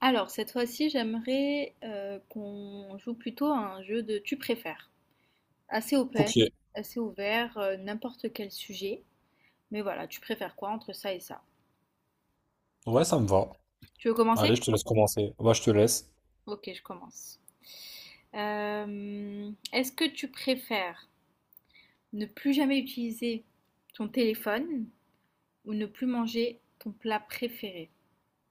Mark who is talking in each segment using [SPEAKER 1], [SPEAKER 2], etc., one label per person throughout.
[SPEAKER 1] Alors, cette fois-ci, j'aimerais qu'on joue plutôt à un jeu de tu préfères. Assez open,
[SPEAKER 2] Ok,
[SPEAKER 1] assez ouvert, n'importe quel sujet. Mais voilà, tu préfères quoi entre ça et ça?
[SPEAKER 2] ouais, ça me va.
[SPEAKER 1] Tu veux commencer?
[SPEAKER 2] Allez, je te laisse commencer. Bah, je te laisse.
[SPEAKER 1] Ok, je commence. Est-ce que tu préfères ne plus jamais utiliser ton téléphone ou ne plus manger ton plat préféré?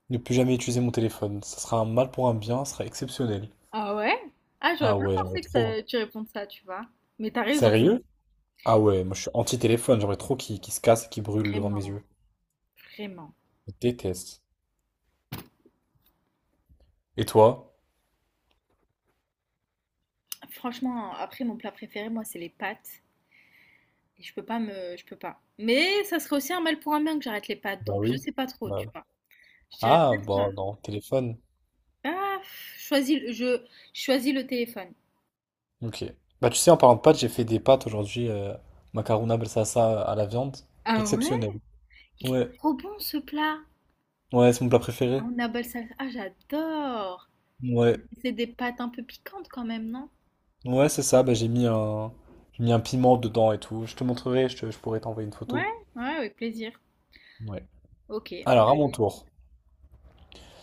[SPEAKER 2] Ne plus jamais utiliser mon téléphone. Ça sera un mal pour un bien, ça sera exceptionnel.
[SPEAKER 1] Ah ouais? Ah, j'aurais
[SPEAKER 2] Ah
[SPEAKER 1] pas
[SPEAKER 2] ouais, j'aimerais
[SPEAKER 1] pensé que
[SPEAKER 2] trop.
[SPEAKER 1] tu répondes ça, tu vois. Mais t'as raison,
[SPEAKER 2] Sérieux? Ah ouais, moi je suis anti-téléphone, j'aimerais trop qu'il se casse et qu'il brûle devant mes
[SPEAKER 1] vraiment,
[SPEAKER 2] yeux.
[SPEAKER 1] vraiment.
[SPEAKER 2] Je déteste. Et toi?
[SPEAKER 1] Franchement, après, mon plat préféré, moi, c'est les pâtes. Et je peux pas me... Je peux pas. Mais ça serait aussi un mal pour un bien que j'arrête les pâtes.
[SPEAKER 2] Bah
[SPEAKER 1] Donc, je
[SPEAKER 2] oui.
[SPEAKER 1] sais pas trop,
[SPEAKER 2] Bah
[SPEAKER 1] tu
[SPEAKER 2] oui.
[SPEAKER 1] vois. Je dirais
[SPEAKER 2] Ah,
[SPEAKER 1] peut-être...
[SPEAKER 2] bah
[SPEAKER 1] euh,
[SPEAKER 2] non, téléphone.
[SPEAKER 1] Ah, pff, choisis, je choisis le téléphone.
[SPEAKER 2] Ok. Bah tu sais, en parlant de pâtes, j'ai fait des pâtes aujourd'hui, macarona balsassa à la viande.
[SPEAKER 1] Ah ouais?
[SPEAKER 2] Exceptionnel.
[SPEAKER 1] Il est
[SPEAKER 2] Ouais,
[SPEAKER 1] trop bon, ce plat.
[SPEAKER 2] ouais, c'est mon plat
[SPEAKER 1] Ah,
[SPEAKER 2] préféré.
[SPEAKER 1] on appelle ça... Ah, j'adore.
[SPEAKER 2] Ouais.
[SPEAKER 1] C'est des pâtes un peu piquantes quand même, non?
[SPEAKER 2] Ouais, c'est ça, bah, j'ai mis un piment dedans et tout. Je te montrerai, je pourrais t'envoyer une
[SPEAKER 1] Ouais,
[SPEAKER 2] photo.
[SPEAKER 1] ouais, avec plaisir.
[SPEAKER 2] Ouais.
[SPEAKER 1] Ok.
[SPEAKER 2] Alors, à mon tour,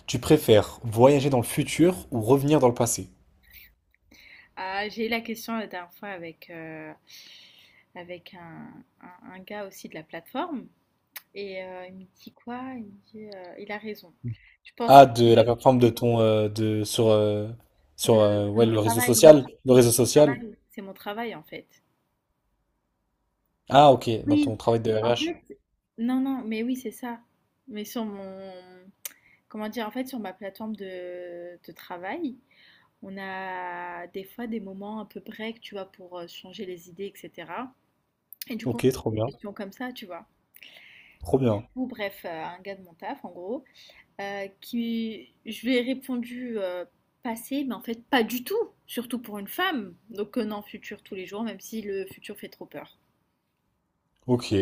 [SPEAKER 2] tu préfères voyager dans le futur ou revenir dans le passé?
[SPEAKER 1] Ah, j'ai eu la question la dernière fois avec, avec un gars aussi de la plateforme. Et il me dit quoi? Il me dit, il a raison. Tu pensais
[SPEAKER 2] Ah, de la
[SPEAKER 1] de,
[SPEAKER 2] plateforme de ton de sur sur
[SPEAKER 1] de, de
[SPEAKER 2] ouais,
[SPEAKER 1] mon
[SPEAKER 2] le réseau
[SPEAKER 1] travail.
[SPEAKER 2] social, le
[SPEAKER 1] De
[SPEAKER 2] réseau
[SPEAKER 1] mon
[SPEAKER 2] social.
[SPEAKER 1] travail. C'est mon travail en fait.
[SPEAKER 2] Ah, OK, dans ton
[SPEAKER 1] Oui,
[SPEAKER 2] travail de
[SPEAKER 1] en
[SPEAKER 2] RH.
[SPEAKER 1] fait, non, non, mais oui, c'est ça. Mais sur mon, comment dire, en fait, sur ma plateforme de travail, on a des fois des moments un peu break, tu vois, pour changer les idées, etc. Et du coup, on
[SPEAKER 2] OK,
[SPEAKER 1] trouve
[SPEAKER 2] trop
[SPEAKER 1] des
[SPEAKER 2] bien.
[SPEAKER 1] questions comme ça, tu vois.
[SPEAKER 2] Trop bien.
[SPEAKER 1] Ou bref, un gars de mon taf, en gros, qui je lui ai répondu passé, mais en fait pas du tout, surtout pour une femme. Donc non, futur tous les jours, même si le futur fait trop peur.
[SPEAKER 2] OK.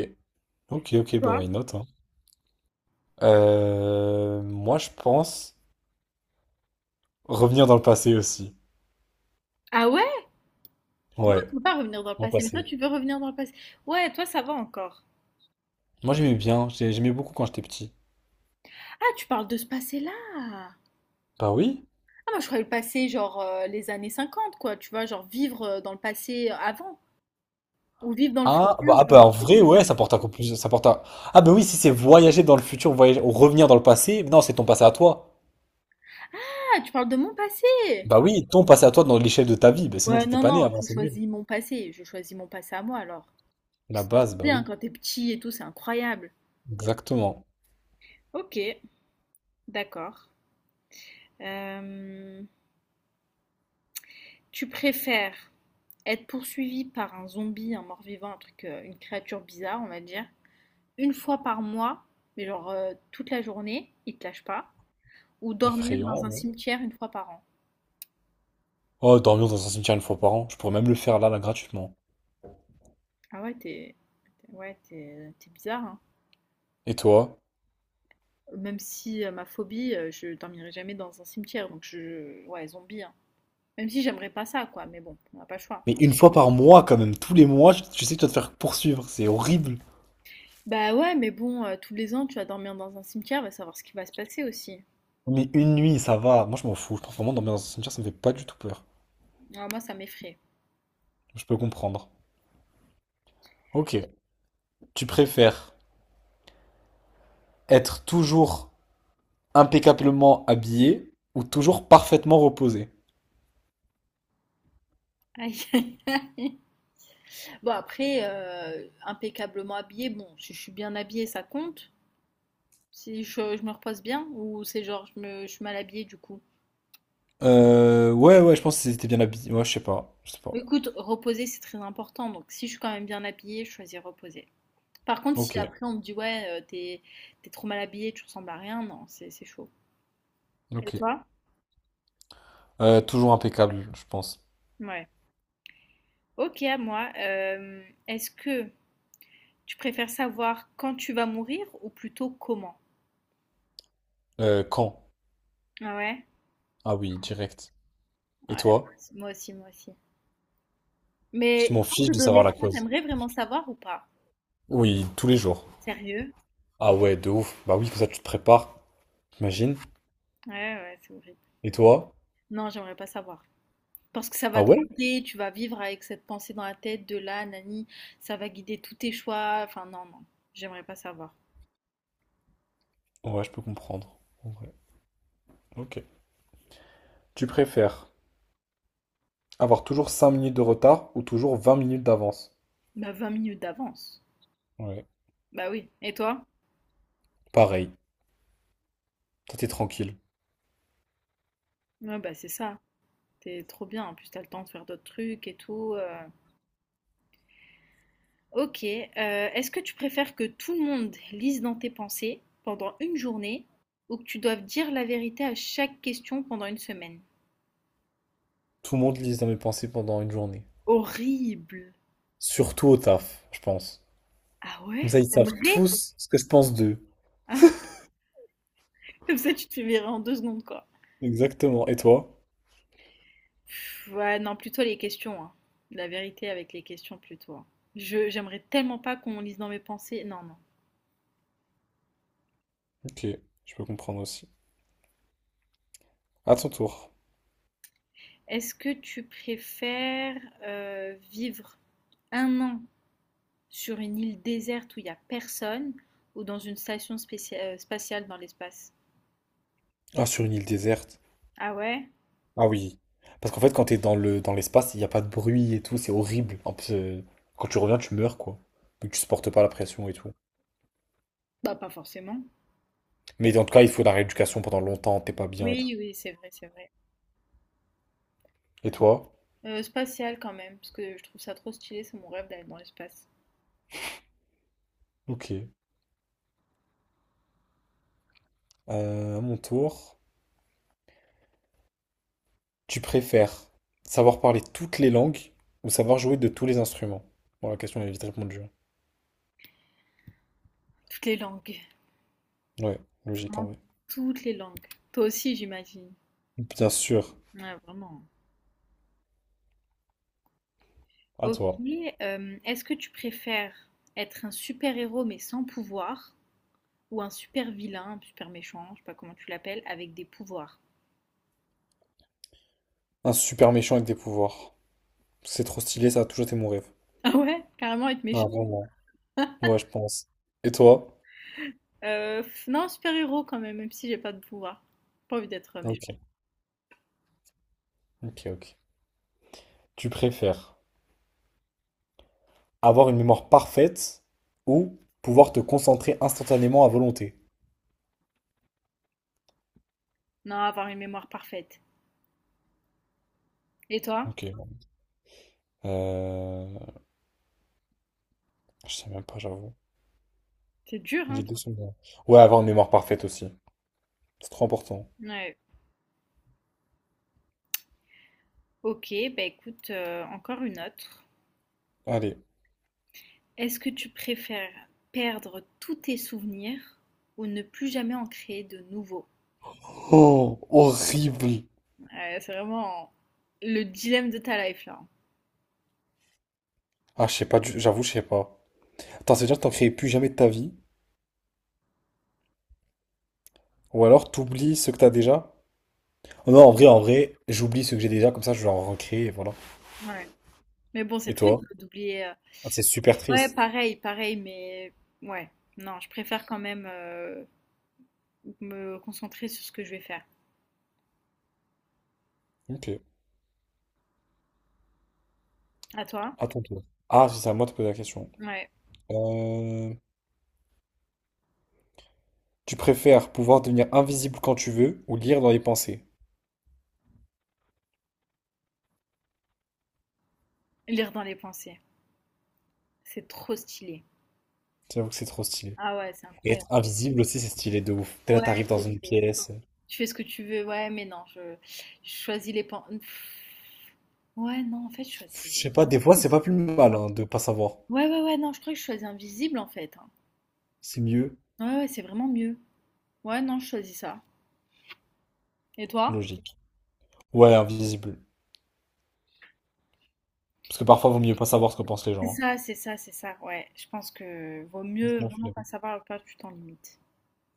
[SPEAKER 2] OK, OK, bah
[SPEAKER 1] Toi?
[SPEAKER 2] why not, hein. Moi, je pense revenir dans le passé aussi.
[SPEAKER 1] Ah ouais? Non,
[SPEAKER 2] Ouais,
[SPEAKER 1] tu veux pas revenir dans le
[SPEAKER 2] dans le
[SPEAKER 1] passé, mais toi
[SPEAKER 2] passé.
[SPEAKER 1] tu veux revenir dans le passé. Ouais, toi ça va encore.
[SPEAKER 2] Moi, j'aimais bien, j'aimais beaucoup quand j'étais petit.
[SPEAKER 1] Ah, tu parles de ce passé-là.
[SPEAKER 2] Bah oui.
[SPEAKER 1] Ah, moi je croyais le passé genre les années 50, quoi, tu vois, genre vivre dans le passé avant, ou vivre dans le futur.
[SPEAKER 2] Ah bah, en vrai ouais ça porte un coup plus ça porte un... Ah bah oui, si c'est voyager dans le futur voyager ou revenir dans le passé, non, c'est ton passé à toi.
[SPEAKER 1] Ah, tu parles de mon passé.
[SPEAKER 2] Bah oui, ton passé à toi dans l'échelle de ta vie. Bah sinon
[SPEAKER 1] Ouais,
[SPEAKER 2] t'étais
[SPEAKER 1] non,
[SPEAKER 2] pas né
[SPEAKER 1] non,
[SPEAKER 2] avant,
[SPEAKER 1] je
[SPEAKER 2] c'est nul.
[SPEAKER 1] choisis mon passé, je choisis mon passé à moi alors.
[SPEAKER 2] La
[SPEAKER 1] C'est
[SPEAKER 2] base,
[SPEAKER 1] trop
[SPEAKER 2] bah
[SPEAKER 1] bien
[SPEAKER 2] oui.
[SPEAKER 1] quand t'es petit et tout, c'est incroyable.
[SPEAKER 2] Exactement.
[SPEAKER 1] Ok, d'accord. Euh, tu préfères être poursuivi par un zombie, un mort-vivant, un truc, une créature bizarre, on va dire, une fois par mois, mais genre toute la journée, il te lâche pas, ou dormir dans
[SPEAKER 2] Effrayant,
[SPEAKER 1] un
[SPEAKER 2] ouais.
[SPEAKER 1] cimetière une fois par an.
[SPEAKER 2] Oh, dormir dans un cimetière 1 fois par an, je pourrais même le faire là gratuitement.
[SPEAKER 1] Ah ouais, t'es, ouais, t'es bizarre, hein.
[SPEAKER 2] Et toi?
[SPEAKER 1] Même si ma phobie, je dormirai jamais dans un cimetière, donc je, ouais, zombie, hein. Même si j'aimerais pas ça, quoi, mais bon, on n'a pas le choix.
[SPEAKER 2] Mais 1 fois par mois quand même, tous les mois, tu sais que tu vas te faire poursuivre, c'est horrible.
[SPEAKER 1] Bah ouais, mais bon, tous les ans, tu vas dormir dans un cimetière, va savoir ce qui va se passer aussi.
[SPEAKER 2] Mais une nuit ça va, moi je m'en fous, je pense vraiment, dormir dans un cimetière, ça me fait pas du tout peur.
[SPEAKER 1] Alors moi, ça m'effraie.
[SPEAKER 2] Je peux comprendre. Ok, tu préfères être toujours impeccablement habillé ou toujours parfaitement reposé?
[SPEAKER 1] Aïe, aïe. Bon, après, impeccablement habillée, bon, si je suis bien habillée, ça compte. Si je me repose bien, ou c'est genre, je suis mal habillée du coup.
[SPEAKER 2] Ouais, ouais, je pense qu'ils étaient bien habillés. Ouais, je sais pas, je sais pas.
[SPEAKER 1] Mais écoute, reposer, c'est très important. Donc, si je suis quand même bien habillée, je choisis reposer. Par contre,
[SPEAKER 2] Ok,
[SPEAKER 1] si après on me dit, ouais, t'es trop mal habillée, tu ressembles à rien, non, c'est chaud. Et
[SPEAKER 2] ok.
[SPEAKER 1] toi?
[SPEAKER 2] Toujours impeccable, je pense.
[SPEAKER 1] Ouais. Ok, à moi. Est-ce que tu préfères savoir quand tu vas mourir ou plutôt comment?
[SPEAKER 2] Quand?
[SPEAKER 1] Ah ouais?
[SPEAKER 2] Ah oui, direct.
[SPEAKER 1] Ouais,
[SPEAKER 2] Et
[SPEAKER 1] moi
[SPEAKER 2] toi?
[SPEAKER 1] aussi, moi aussi. Moi aussi.
[SPEAKER 2] Je
[SPEAKER 1] Mais
[SPEAKER 2] m'en
[SPEAKER 1] sans te
[SPEAKER 2] fiche de
[SPEAKER 1] donner
[SPEAKER 2] savoir
[SPEAKER 1] le
[SPEAKER 2] la
[SPEAKER 1] choix,
[SPEAKER 2] cause.
[SPEAKER 1] t'aimerais vraiment savoir ou pas?
[SPEAKER 2] Oui, tous les jours.
[SPEAKER 1] Sérieux?
[SPEAKER 2] Ah ouais, de ouf. Bah oui, comme ça tu te prépares,
[SPEAKER 1] Ouais,
[SPEAKER 2] t'imagines.
[SPEAKER 1] ouais, ouais, c'est horrible.
[SPEAKER 2] Et toi?
[SPEAKER 1] Non, j'aimerais pas savoir. Parce que ça
[SPEAKER 2] Ah
[SPEAKER 1] va te
[SPEAKER 2] ouais?
[SPEAKER 1] hanter, tu vas vivre avec cette pensée dans la tête de là, nani, ça va guider tous tes choix. Enfin, non, non, j'aimerais pas savoir.
[SPEAKER 2] Ouais, je peux comprendre. En vrai. Ok. Tu préfères avoir toujours 5 minutes de retard ou toujours 20 minutes d'avance?
[SPEAKER 1] Bah, 20 minutes d'avance.
[SPEAKER 2] Ouais.
[SPEAKER 1] Bah oui. Et toi?
[SPEAKER 2] Pareil. Toi, t'es tranquille.
[SPEAKER 1] Ouais, bah c'est ça. T'es trop bien. En plus, t'as le temps de faire d'autres trucs et tout. Ok, est-ce que tu préfères que tout le monde lise dans tes pensées pendant une journée ou que tu doives dire la vérité à chaque question pendant une semaine?
[SPEAKER 2] Tout le monde lise dans mes pensées pendant une journée.
[SPEAKER 1] Horrible!
[SPEAKER 2] Surtout au taf, je pense.
[SPEAKER 1] Ah
[SPEAKER 2] Comme ça,
[SPEAKER 1] ouais?
[SPEAKER 2] ils savent
[SPEAKER 1] T'aimerais?
[SPEAKER 2] tous ce que je pense d'eux.
[SPEAKER 1] Hein. Comme ça, tu te fais virer en 2 secondes, quoi.
[SPEAKER 2] Exactement. Et toi?
[SPEAKER 1] Ouais, non, plutôt les questions, hein. La vérité avec les questions, plutôt, hein. Je, j'aimerais tellement pas qu'on lise dans mes pensées. Non, non.
[SPEAKER 2] Ok, je peux comprendre aussi. À ton tour.
[SPEAKER 1] Est-ce que tu préfères vivre 1 an sur une île déserte où il n'y a personne ou dans une station spatiale dans l'espace?
[SPEAKER 2] Ah, sur une île déserte.
[SPEAKER 1] Ah ouais?
[SPEAKER 2] Ah oui. Parce qu'en fait, quand t'es dans l'espace, il n'y a pas de bruit et tout, c'est horrible. En plus, quand tu reviens, tu meurs, quoi. Vu tu supportes pas la pression et tout.
[SPEAKER 1] Bah pas forcément.
[SPEAKER 2] Mais en tout cas, il faut de la rééducation pendant longtemps, t'es pas bien et tout.
[SPEAKER 1] Oui, oui, c'est vrai, c'est vrai.
[SPEAKER 2] Et toi?
[SPEAKER 1] Spatial quand même, parce que je trouve ça trop stylé, c'est mon rêve d'aller dans l'espace.
[SPEAKER 2] Ok. À mon tour. Tu préfères savoir parler toutes les langues ou savoir jouer de tous les instruments? Bon, la question elle est vite répondue, hein.
[SPEAKER 1] Toutes les langues,
[SPEAKER 2] Ouais, logique
[SPEAKER 1] vraiment
[SPEAKER 2] en vrai.
[SPEAKER 1] toutes les langues. Toi aussi, j'imagine.
[SPEAKER 2] Bien sûr,
[SPEAKER 1] Ouais, vraiment.
[SPEAKER 2] à
[SPEAKER 1] Ok,
[SPEAKER 2] toi.
[SPEAKER 1] est-ce que tu préfères être un super-héros mais sans pouvoir ou un super-vilain, super méchant, je sais pas comment tu l'appelles, avec des pouvoirs?
[SPEAKER 2] Un super méchant avec des pouvoirs. C'est trop stylé, ça a toujours été mon rêve.
[SPEAKER 1] Ah ouais, carrément être
[SPEAKER 2] Ah,
[SPEAKER 1] méchant.
[SPEAKER 2] vraiment. Ouais, je pense. Et toi?
[SPEAKER 1] Euh, non, super-héros quand même, même si j'ai pas de pouvoir. Pas envie d'être méchant.
[SPEAKER 2] Ok, ok, ok. Tu préfères avoir une mémoire parfaite ou pouvoir te concentrer instantanément à volonté?
[SPEAKER 1] Non, avoir une mémoire parfaite. Et toi?
[SPEAKER 2] Ok. Euh... je sais même pas, j'avoue.
[SPEAKER 1] C'est dur, hein?
[SPEAKER 2] Les deux sont bons. Ouais, avoir une mémoire parfaite aussi. C'est trop important.
[SPEAKER 1] Ouais. Ok, bah écoute, encore une autre.
[SPEAKER 2] Allez.
[SPEAKER 1] Est-ce que tu préfères perdre tous tes souvenirs ou ne plus jamais en créer de nouveaux?
[SPEAKER 2] Oh, horrible.
[SPEAKER 1] Ouais, c'est vraiment le dilemme de ta life là.
[SPEAKER 2] Ah, je sais pas, j'avoue, je sais pas. Attends, ça veut dire que t'en crées plus jamais de ta vie? Ou alors t'oublies ceux que t'as déjà? Non, en vrai, j'oublie ceux que j'ai déjà, comme ça je vais en recréer, et voilà.
[SPEAKER 1] Ouais. Mais bon, c'est
[SPEAKER 2] Et
[SPEAKER 1] triste
[SPEAKER 2] toi?
[SPEAKER 1] d'oublier.
[SPEAKER 2] Ah, c'est super
[SPEAKER 1] Ouais,
[SPEAKER 2] triste.
[SPEAKER 1] pareil, pareil, mais ouais. Non, je préfère quand même me concentrer sur ce que je vais faire.
[SPEAKER 2] Ok,
[SPEAKER 1] À toi?
[SPEAKER 2] à ton tour. Ah, si, c'est à moi de poser la question.
[SPEAKER 1] Ouais,
[SPEAKER 2] Euh, tu préfères pouvoir devenir invisible quand tu veux ou lire dans les pensées?
[SPEAKER 1] lire dans les pensées, c'est trop stylé.
[SPEAKER 2] J'avoue que c'est trop stylé.
[SPEAKER 1] Ah ouais, c'est
[SPEAKER 2] Et être
[SPEAKER 1] incroyable.
[SPEAKER 2] invisible aussi, c'est stylé de ouf. Dès là,
[SPEAKER 1] Ouais,
[SPEAKER 2] t'arrives
[SPEAKER 1] c'est
[SPEAKER 2] dans une
[SPEAKER 1] vrai.
[SPEAKER 2] pièce.
[SPEAKER 1] Tu fais ce que tu veux, ouais, mais non, je choisis les pensées. Ouais, non, en fait, je choisis
[SPEAKER 2] Je sais
[SPEAKER 1] les...
[SPEAKER 2] pas, des fois, c'est pas plus mal hein, de pas savoir.
[SPEAKER 1] Ouais, ouais, ouais, non, je crois que je choisis invisible, en fait, hein.
[SPEAKER 2] C'est mieux,
[SPEAKER 1] Ouais, ouais, c'est vraiment mieux. Ouais, non, je choisis ça. Et toi?
[SPEAKER 2] logique. Ouais, invisible. Parce que parfois, vaut mieux pas savoir ce que pensent les
[SPEAKER 1] C'est
[SPEAKER 2] gens, hein.
[SPEAKER 1] ça, c'est ça, c'est ça, ouais. Je pense que vaut mieux
[SPEAKER 2] Franchement,
[SPEAKER 1] vraiment pas
[SPEAKER 2] flemme.
[SPEAKER 1] savoir à quoi tu t'en limites.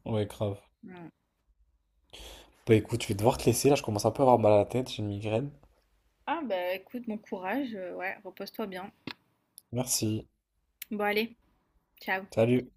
[SPEAKER 2] Ouais, grave.
[SPEAKER 1] Mm.
[SPEAKER 2] Bah écoute, je vais devoir te laisser. Là, je commence un peu à avoir mal à la tête. J'ai une migraine.
[SPEAKER 1] Ah bah écoute, bon courage, ouais, repose-toi bien.
[SPEAKER 2] Merci.
[SPEAKER 1] Bon allez, ciao.
[SPEAKER 2] Salut.